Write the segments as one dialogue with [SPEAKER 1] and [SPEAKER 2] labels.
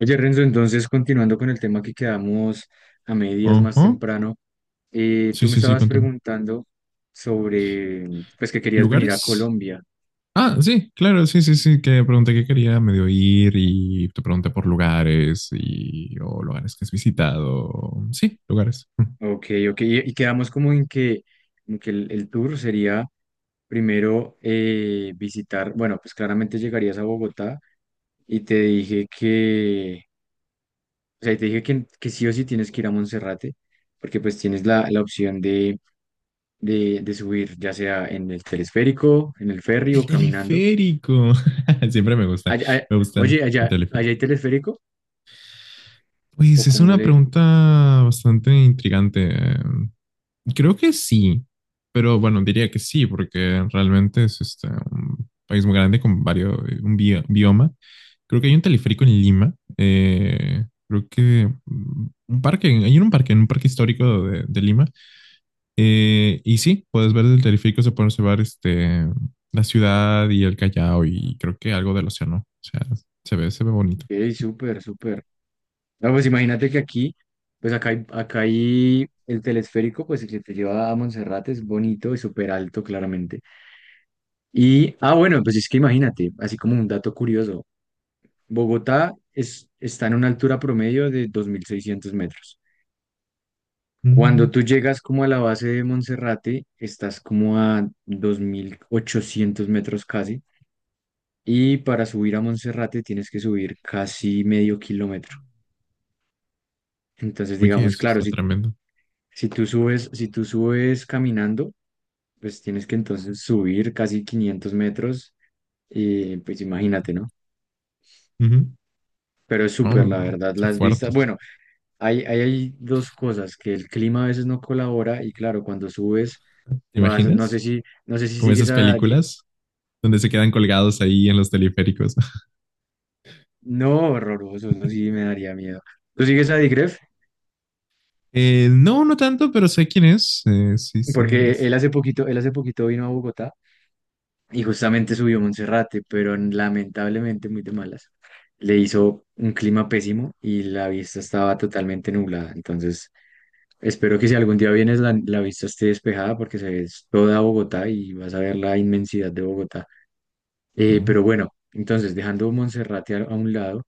[SPEAKER 1] Oye, Renzo, entonces continuando con el tema que quedamos a medias más
[SPEAKER 2] Ajá.
[SPEAKER 1] temprano,
[SPEAKER 2] Sí,
[SPEAKER 1] tú me
[SPEAKER 2] sí, sí,
[SPEAKER 1] estabas
[SPEAKER 2] continúa.
[SPEAKER 1] preguntando sobre, pues que querías venir a
[SPEAKER 2] ¿Lugares?
[SPEAKER 1] Colombia.
[SPEAKER 2] Ah, sí, claro, sí, sí, sí, que pregunté qué quería medio ir y te pregunté por lugares y o lugares que has visitado. Sí, lugares.
[SPEAKER 1] Ok, y quedamos como en que el tour sería primero visitar, bueno, pues claramente llegarías a Bogotá y te dije que, o sea, y te dije que sí o sí tienes que ir a Monserrate, porque pues tienes la opción de subir, ya sea en el telesférico, en el ferry
[SPEAKER 2] El
[SPEAKER 1] o caminando.
[SPEAKER 2] teleférico. Siempre me gusta,
[SPEAKER 1] Ay- ay-
[SPEAKER 2] me gustan
[SPEAKER 1] oye,
[SPEAKER 2] el
[SPEAKER 1] allá
[SPEAKER 2] teleférico.
[SPEAKER 1] hay telesférico,
[SPEAKER 2] Pues
[SPEAKER 1] o
[SPEAKER 2] es
[SPEAKER 1] como
[SPEAKER 2] una
[SPEAKER 1] le...
[SPEAKER 2] pregunta bastante intrigante. Creo que sí, pero bueno, diría que sí, porque realmente es un país muy grande con varios, un bioma. Creo que hay un teleférico en Lima. Creo que un parque, hay un parque, en un parque histórico de Lima. Y sí, puedes ver del teleférico, se puede observar la ciudad y el Callao y creo que algo del océano. O sea, se ve bonito.
[SPEAKER 1] ¡Ey, súper, súper! No, pues imagínate que aquí, pues acá hay el telesférico, pues el que te lleva a Monserrate, es bonito y súper alto, claramente. Y, ah, bueno, pues es que imagínate, así como un dato curioso, Bogotá está en una altura promedio de 2.600 metros. Cuando
[SPEAKER 2] Mm.
[SPEAKER 1] tú llegas como a la base de Monserrate, estás como a 2.800 metros casi. Y para subir a Monserrate tienes que subir casi medio kilómetro. Entonces,
[SPEAKER 2] Oye,
[SPEAKER 1] digamos,
[SPEAKER 2] eso
[SPEAKER 1] claro,
[SPEAKER 2] está tremendo.
[SPEAKER 1] si tú subes caminando, pues tienes que entonces subir casi 500 metros. Y pues imagínate, ¿no?
[SPEAKER 2] Ujú.
[SPEAKER 1] Pero es
[SPEAKER 2] No,
[SPEAKER 1] súper, la
[SPEAKER 2] no,
[SPEAKER 1] verdad,
[SPEAKER 2] está
[SPEAKER 1] las
[SPEAKER 2] fuerte.
[SPEAKER 1] vistas.
[SPEAKER 2] esto.
[SPEAKER 1] Bueno, hay dos cosas, que el clima a veces no colabora y claro, cuando subes,
[SPEAKER 2] ¿Te
[SPEAKER 1] vas,
[SPEAKER 2] imaginas?
[SPEAKER 1] no sé si
[SPEAKER 2] Como
[SPEAKER 1] sigues
[SPEAKER 2] esas
[SPEAKER 1] a... Di-
[SPEAKER 2] películas donde se quedan colgados ahí en los teleféricos.
[SPEAKER 1] no, horroroso, eso sí me daría miedo. ¿Tú sigues a Digref?
[SPEAKER 2] No, no tanto, pero sé quién es. Sí, sé.
[SPEAKER 1] Porque él hace poquito vino a Bogotá y justamente subió a Monserrate, pero lamentablemente muy de malas. Le hizo un clima pésimo y la vista estaba totalmente nublada. Entonces, espero que si algún día vienes la vista esté despejada porque se ve toda Bogotá y vas a ver la inmensidad de Bogotá. Eh,
[SPEAKER 2] No,
[SPEAKER 1] pero bueno, entonces dejando Monserrate a un lado,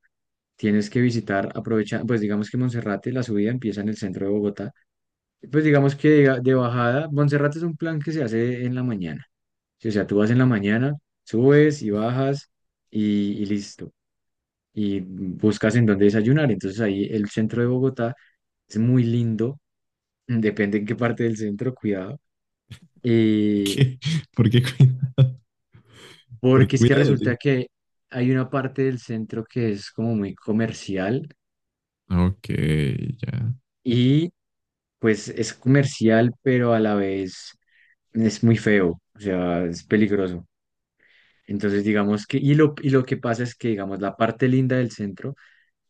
[SPEAKER 1] tienes que visitar, aprovecha, pues digamos que Monserrate, la subida empieza en el centro de Bogotá. Pues digamos que de bajada, Monserrate es un plan que se hace en la mañana. Sí, o sea, tú vas en la mañana, subes y bajas y listo. Y buscas en dónde desayunar. Entonces ahí el centro de Bogotá es muy lindo, depende en qué parte del centro, cuidado.
[SPEAKER 2] ¿por
[SPEAKER 1] eh,
[SPEAKER 2] qué? ¿Por qué cuidado? ¿Por qué
[SPEAKER 1] porque es que
[SPEAKER 2] cuidado, tío?
[SPEAKER 1] resulta que hay una parte del centro que es como muy comercial.
[SPEAKER 2] Ok, ya.
[SPEAKER 1] Y pues es comercial, pero a la vez es muy feo, o sea, es peligroso. Entonces, digamos que, y lo que pasa es que, digamos, la parte linda del centro,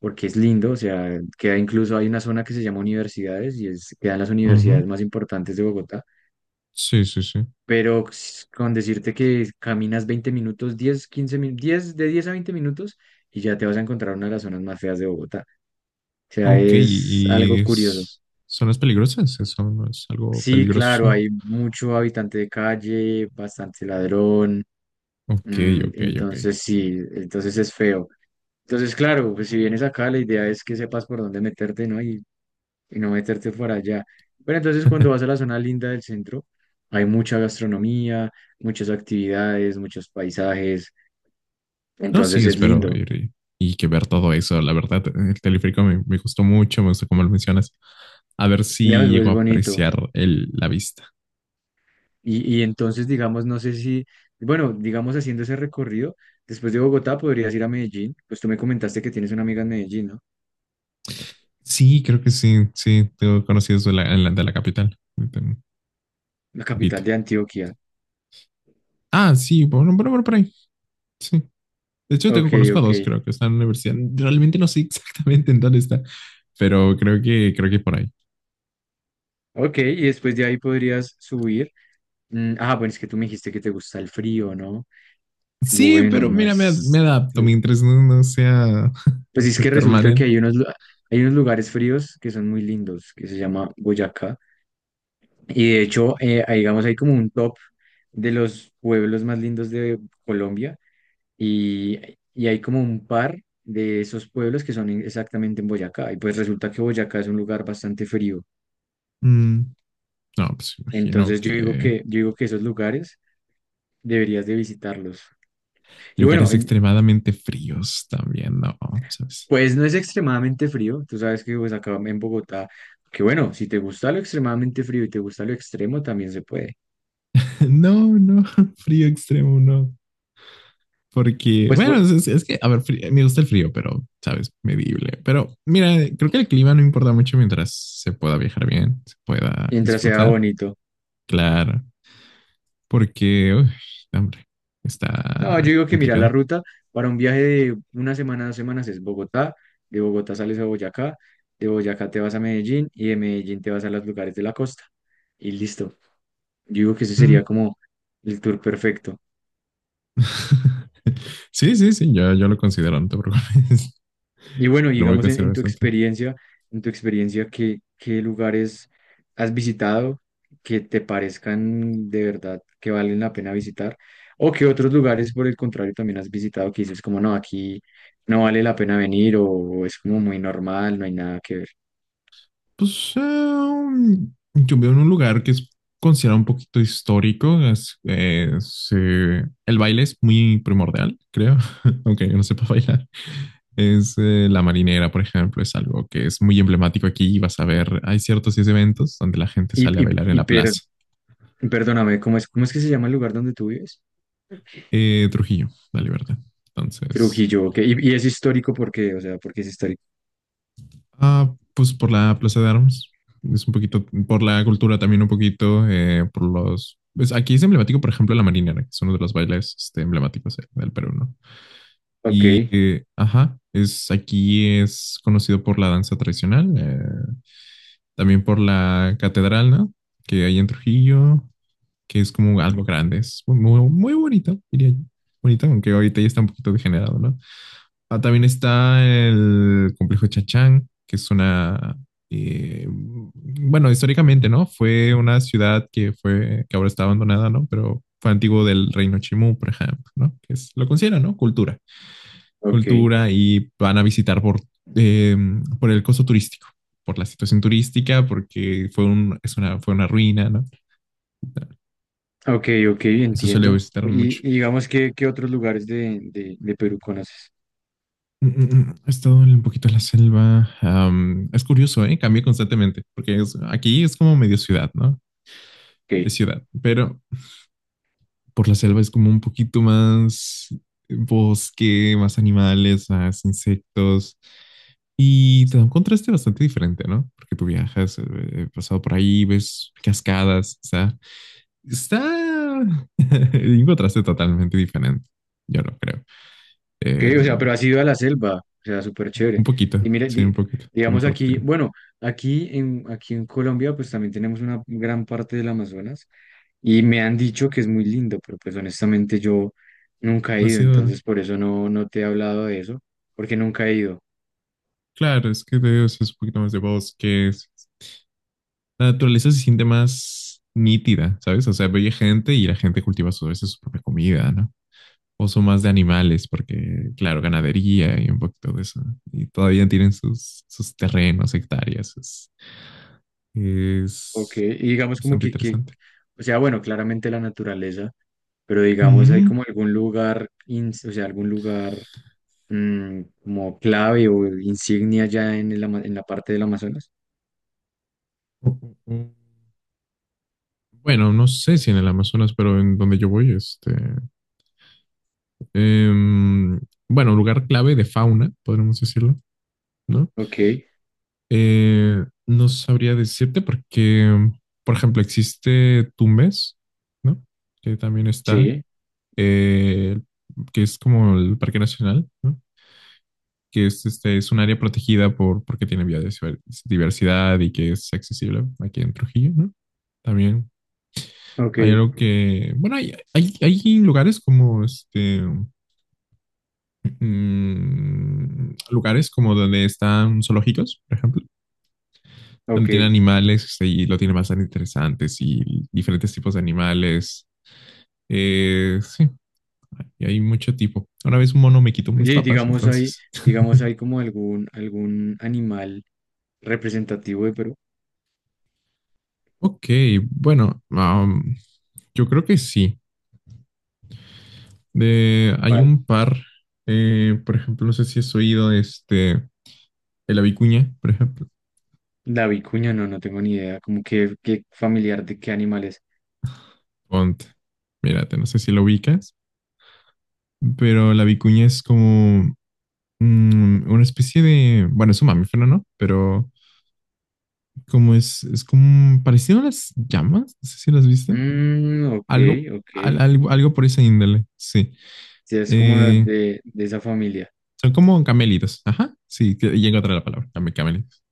[SPEAKER 1] porque es lindo, o sea, queda incluso, hay una zona que se llama universidades y es, quedan las
[SPEAKER 2] Ujú.
[SPEAKER 1] universidades más importantes de Bogotá,
[SPEAKER 2] Sí, sí, sí.
[SPEAKER 1] pero con decirte que caminas 20 minutos, 10 15 minutos, 10 de 10 a 20 minutos y ya te vas a encontrar una de las zonas más feas de Bogotá. O sea,
[SPEAKER 2] Ok,
[SPEAKER 1] es
[SPEAKER 2] y
[SPEAKER 1] algo curioso.
[SPEAKER 2] son las peligrosas, ¿Eso no es algo
[SPEAKER 1] Sí, claro,
[SPEAKER 2] peligroso.
[SPEAKER 1] hay mucho habitante de calle, bastante ladrón,
[SPEAKER 2] Ok, ok, ok.
[SPEAKER 1] entonces sí, entonces es feo. Entonces, claro, pues si vienes acá, la idea es que sepas por dónde meterte, ¿no? Y no meterte por allá. Pero entonces cuando vas a la zona linda del centro, hay mucha gastronomía, muchas actividades, muchos paisajes,
[SPEAKER 2] No, sí,
[SPEAKER 1] entonces es
[SPEAKER 2] espero
[SPEAKER 1] lindo,
[SPEAKER 2] ir y que ver todo eso. La verdad, el teleférico me gustó mucho, me gustó como lo mencionas. A ver
[SPEAKER 1] ya,
[SPEAKER 2] si
[SPEAKER 1] pues,
[SPEAKER 2] llego
[SPEAKER 1] es
[SPEAKER 2] a
[SPEAKER 1] bonito.
[SPEAKER 2] apreciar la vista.
[SPEAKER 1] Y entonces, digamos, no sé si, bueno, digamos haciendo ese recorrido, después de Bogotá podrías ir a Medellín, pues tú me comentaste que tienes una amiga en Medellín, ¿no?
[SPEAKER 2] Sí, creo que sí, sí, tengo conocidos de la capital. Un
[SPEAKER 1] La capital
[SPEAKER 2] poquito.
[SPEAKER 1] de Antioquia.
[SPEAKER 2] Ah, sí, bueno, bueno, bueno, por ahí. Sí. De hecho,
[SPEAKER 1] Ok,
[SPEAKER 2] conozco a
[SPEAKER 1] ok,
[SPEAKER 2] dos, creo que están en la universidad. Realmente no sé exactamente en dónde está, pero creo que por ahí.
[SPEAKER 1] ok, y después de ahí podrías subir. Mm, ah, bueno, es que tú me dijiste que te gusta el frío, ¿no?
[SPEAKER 2] Sí,
[SPEAKER 1] Bueno,
[SPEAKER 2] pero
[SPEAKER 1] no
[SPEAKER 2] mira, me
[SPEAKER 1] es...
[SPEAKER 2] adapto mientras no sea
[SPEAKER 1] Pues es que resulta que
[SPEAKER 2] permanente.
[SPEAKER 1] hay hay unos lugares fríos que son muy lindos, que se llama Boyacá, y de hecho, ahí, digamos, hay como un top de los pueblos más lindos de Colombia. Y, y hay como un par de esos pueblos que son exactamente en Boyacá. Y pues resulta que Boyacá es un lugar bastante frío.
[SPEAKER 2] Mm, no, pues imagino
[SPEAKER 1] Entonces
[SPEAKER 2] que
[SPEAKER 1] yo digo que esos lugares deberías de visitarlos. Y bueno,
[SPEAKER 2] lugares extremadamente fríos también, no, ¿sabes?
[SPEAKER 1] pues no es extremadamente frío. Tú sabes que pues acá en Bogotá, que bueno, si te gusta lo extremadamente frío y te gusta lo extremo, también se puede.
[SPEAKER 2] No, no, frío extremo, no. Porque,
[SPEAKER 1] Pues
[SPEAKER 2] bueno,
[SPEAKER 1] por-
[SPEAKER 2] es que, a ver, me gusta el frío, pero, ¿sabes? Medible. Pero, mira, creo que el clima no importa mucho mientras se pueda viajar bien, se pueda
[SPEAKER 1] mientras sea
[SPEAKER 2] disfrutar.
[SPEAKER 1] bonito.
[SPEAKER 2] Claro, porque, uy, hombre,
[SPEAKER 1] No, yo
[SPEAKER 2] está
[SPEAKER 1] digo que mira, la
[SPEAKER 2] complicado.
[SPEAKER 1] ruta para un viaje de una semana, dos semanas es Bogotá, de Bogotá sales a Boyacá, de Boyacá te vas a Medellín y de Medellín te vas a los lugares de la costa. Y listo. Yo digo que ese
[SPEAKER 2] Mm.
[SPEAKER 1] sería como el tour perfecto.
[SPEAKER 2] Sí, sí, sí, yo lo considero, no te preocupes.
[SPEAKER 1] Y bueno,
[SPEAKER 2] Lo voy a
[SPEAKER 1] digamos en,
[SPEAKER 2] considerar
[SPEAKER 1] en tu
[SPEAKER 2] bastante.
[SPEAKER 1] experiencia, en tu experiencia, ¿qué, qué lugares has visitado que te parezcan de verdad que valen la pena visitar? ¿O qué otros lugares, por el contrario, también has visitado que dices como no, aquí no vale la pena venir o es como muy normal, no hay nada que ver?
[SPEAKER 2] Pues yo vivo en un lugar que es considerado un poquito histórico. El baile es muy primordial, creo, aunque yo no sepa bailar. Es la marinera, por ejemplo, es algo que es muy emblemático aquí, y vas a ver, hay ciertos eventos donde la gente
[SPEAKER 1] Y,
[SPEAKER 2] sale a bailar en la plaza.
[SPEAKER 1] perdóname, ¿ cómo es que se llama el lugar donde tú vives?
[SPEAKER 2] Trujillo, la Libertad. Entonces...
[SPEAKER 1] Trujillo, ok. Y es histórico porque, o sea, porque es histórico.
[SPEAKER 2] Ah, pues por la Plaza de Armas. Es un poquito, por la cultura también un poquito, por los... Pues aquí es emblemático, por ejemplo, la marinera, que es uno de los bailes emblemáticos del Perú, ¿no?
[SPEAKER 1] Ok,
[SPEAKER 2] Y, ajá, aquí es conocido por la danza tradicional, también por la catedral, ¿no? Que hay en Trujillo, que es como algo grande, es muy, muy bonito, diría yo. Bonito, aunque ahorita ya está un poquito degenerado, ¿no? Ah, también está el complejo Chachán, que es una, bueno, históricamente, ¿no? Fue una ciudad que fue, que ahora está abandonada, ¿no? Pero fue antiguo del reino Chimú, por ejemplo, ¿no? Que es, lo consideran, ¿no? Cultura.
[SPEAKER 1] ok.
[SPEAKER 2] Cultura y van a visitar eh, por el costo turístico, por la situación turística, porque fue un, es una, fue una ruina, ¿no?
[SPEAKER 1] Ok, ok,
[SPEAKER 2] Eso suele
[SPEAKER 1] entiendo.
[SPEAKER 2] visitar mucho.
[SPEAKER 1] Y digamos que, ¿qué otros lugares de Perú conoces?
[SPEAKER 2] Mm, mm, mm. He estado en un poquito en la selva. Es curioso, ¿eh? Cambia constantemente, porque aquí es como medio ciudad, ¿no?
[SPEAKER 1] Ok,
[SPEAKER 2] Es ciudad, pero por la selva es como un poquito más bosque, más animales, más insectos, y te da un contraste bastante diferente, ¿no? Porque tú viajas, he pasado por ahí, ves cascadas, o sea, está un contraste totalmente diferente, yo no creo.
[SPEAKER 1] ok, o
[SPEAKER 2] Eh,
[SPEAKER 1] sea, pero has ido a la selva, o sea, súper chévere.
[SPEAKER 2] un poquito,
[SPEAKER 1] Y mira,
[SPEAKER 2] sí, un poquito, por un
[SPEAKER 1] digamos
[SPEAKER 2] corto
[SPEAKER 1] aquí,
[SPEAKER 2] tiempo.
[SPEAKER 1] bueno, aquí en Colombia pues también tenemos una gran parte del Amazonas y me han dicho que es muy lindo, pero pues honestamente yo nunca he
[SPEAKER 2] ¿No ha
[SPEAKER 1] ido,
[SPEAKER 2] sido?
[SPEAKER 1] entonces por eso no, no te he hablado de eso, porque nunca he ido.
[SPEAKER 2] Claro, es que te digo, sí es un poquito más de bosques. La naturaleza se siente más nítida, ¿sabes? O sea, ve gente y la gente cultiva a veces su propia comida, ¿no? O son más de animales, porque, claro, ganadería y un poquito de eso, ¿no? Y todavía tienen sus terrenos, hectáreas. Es,
[SPEAKER 1] Ok,
[SPEAKER 2] es
[SPEAKER 1] y digamos como
[SPEAKER 2] bastante interesante.
[SPEAKER 1] o sea, bueno, claramente la naturaleza, pero digamos hay
[SPEAKER 2] Ujú.
[SPEAKER 1] como algún o sea, algún lugar mm, como clave o insignia ya en el en la parte del Amazonas.
[SPEAKER 2] O- o- o- Bueno, no sé si en el Amazonas, pero en donde yo voy, em, bueno, lugar clave de fauna, podríamos decirlo, ¿no?
[SPEAKER 1] Ok,
[SPEAKER 2] No sabría decirte porque, por ejemplo, existe Tumbes, ¿no? Que también está,
[SPEAKER 1] sí,
[SPEAKER 2] eh, que es como el Parque Nacional, ¿no? Que es, es un área protegida porque tiene biodiversidad y que es accesible aquí en Trujillo, ¿no? También
[SPEAKER 1] ok,
[SPEAKER 2] hay algo que, bueno, hay lugares como, lugares como donde están zoológicos, por ejemplo donde tiene
[SPEAKER 1] ok.
[SPEAKER 2] animales y lo tiene bastante interesantes y diferentes tipos de animales. Sí, y hay mucho tipo. Una vez un mono me quitó mis
[SPEAKER 1] Oye,
[SPEAKER 2] papas, entonces.
[SPEAKER 1] digamos hay como algún, algún animal representativo de Perú.
[SPEAKER 2] Ok, bueno, yo creo que sí. Hay
[SPEAKER 1] ¿Cuál?
[SPEAKER 2] un par, por ejemplo, no sé si has oído el vicuña por ejemplo.
[SPEAKER 1] La vicuña, no, no tengo ni idea, como que, qué familiar de qué animal es.
[SPEAKER 2] Ponte, mírate, no sé si lo ubicas, pero la vicuña es como una especie de, bueno, es un mamífero, ¿no? Pero es como parecido a las llamas, no sé si las viste.
[SPEAKER 1] Mm, ok,
[SPEAKER 2] Algo,
[SPEAKER 1] ok.
[SPEAKER 2] algo por esa índole, sí.
[SPEAKER 1] Sí, es como
[SPEAKER 2] Eh,
[SPEAKER 1] de esa familia.
[SPEAKER 2] Son como camelitos, ajá, sí, y encontré la palabra, camelitos,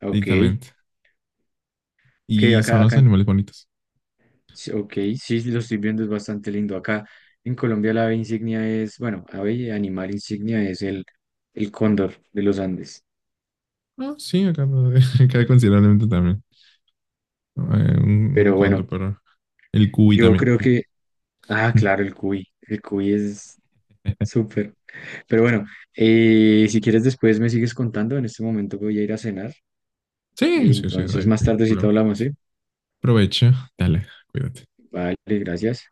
[SPEAKER 1] Ok,
[SPEAKER 2] directamente.
[SPEAKER 1] que
[SPEAKER 2] Y son los animales bonitos.
[SPEAKER 1] sí, ok, sí, lo estoy viendo, es bastante lindo. Acá en Colombia la ave insignia es, bueno, ave y animal insignia es el cóndor de los Andes.
[SPEAKER 2] Ah, sí, acá, acá considerablemente también. Eh, un
[SPEAKER 1] Pero
[SPEAKER 2] conto,
[SPEAKER 1] bueno,
[SPEAKER 2] pero el cuy
[SPEAKER 1] yo
[SPEAKER 2] también.
[SPEAKER 1] creo que, ah, claro, el cuy es súper. Pero bueno, si quieres después me sigues contando, en este momento voy a ir a cenar.
[SPEAKER 2] Sí, sí, sí, no
[SPEAKER 1] Entonces
[SPEAKER 2] hay
[SPEAKER 1] más tardecito
[SPEAKER 2] problema.
[SPEAKER 1] hablamos, ¿sí?
[SPEAKER 2] Aprovecha, dale, cuídate.
[SPEAKER 1] Vale, gracias.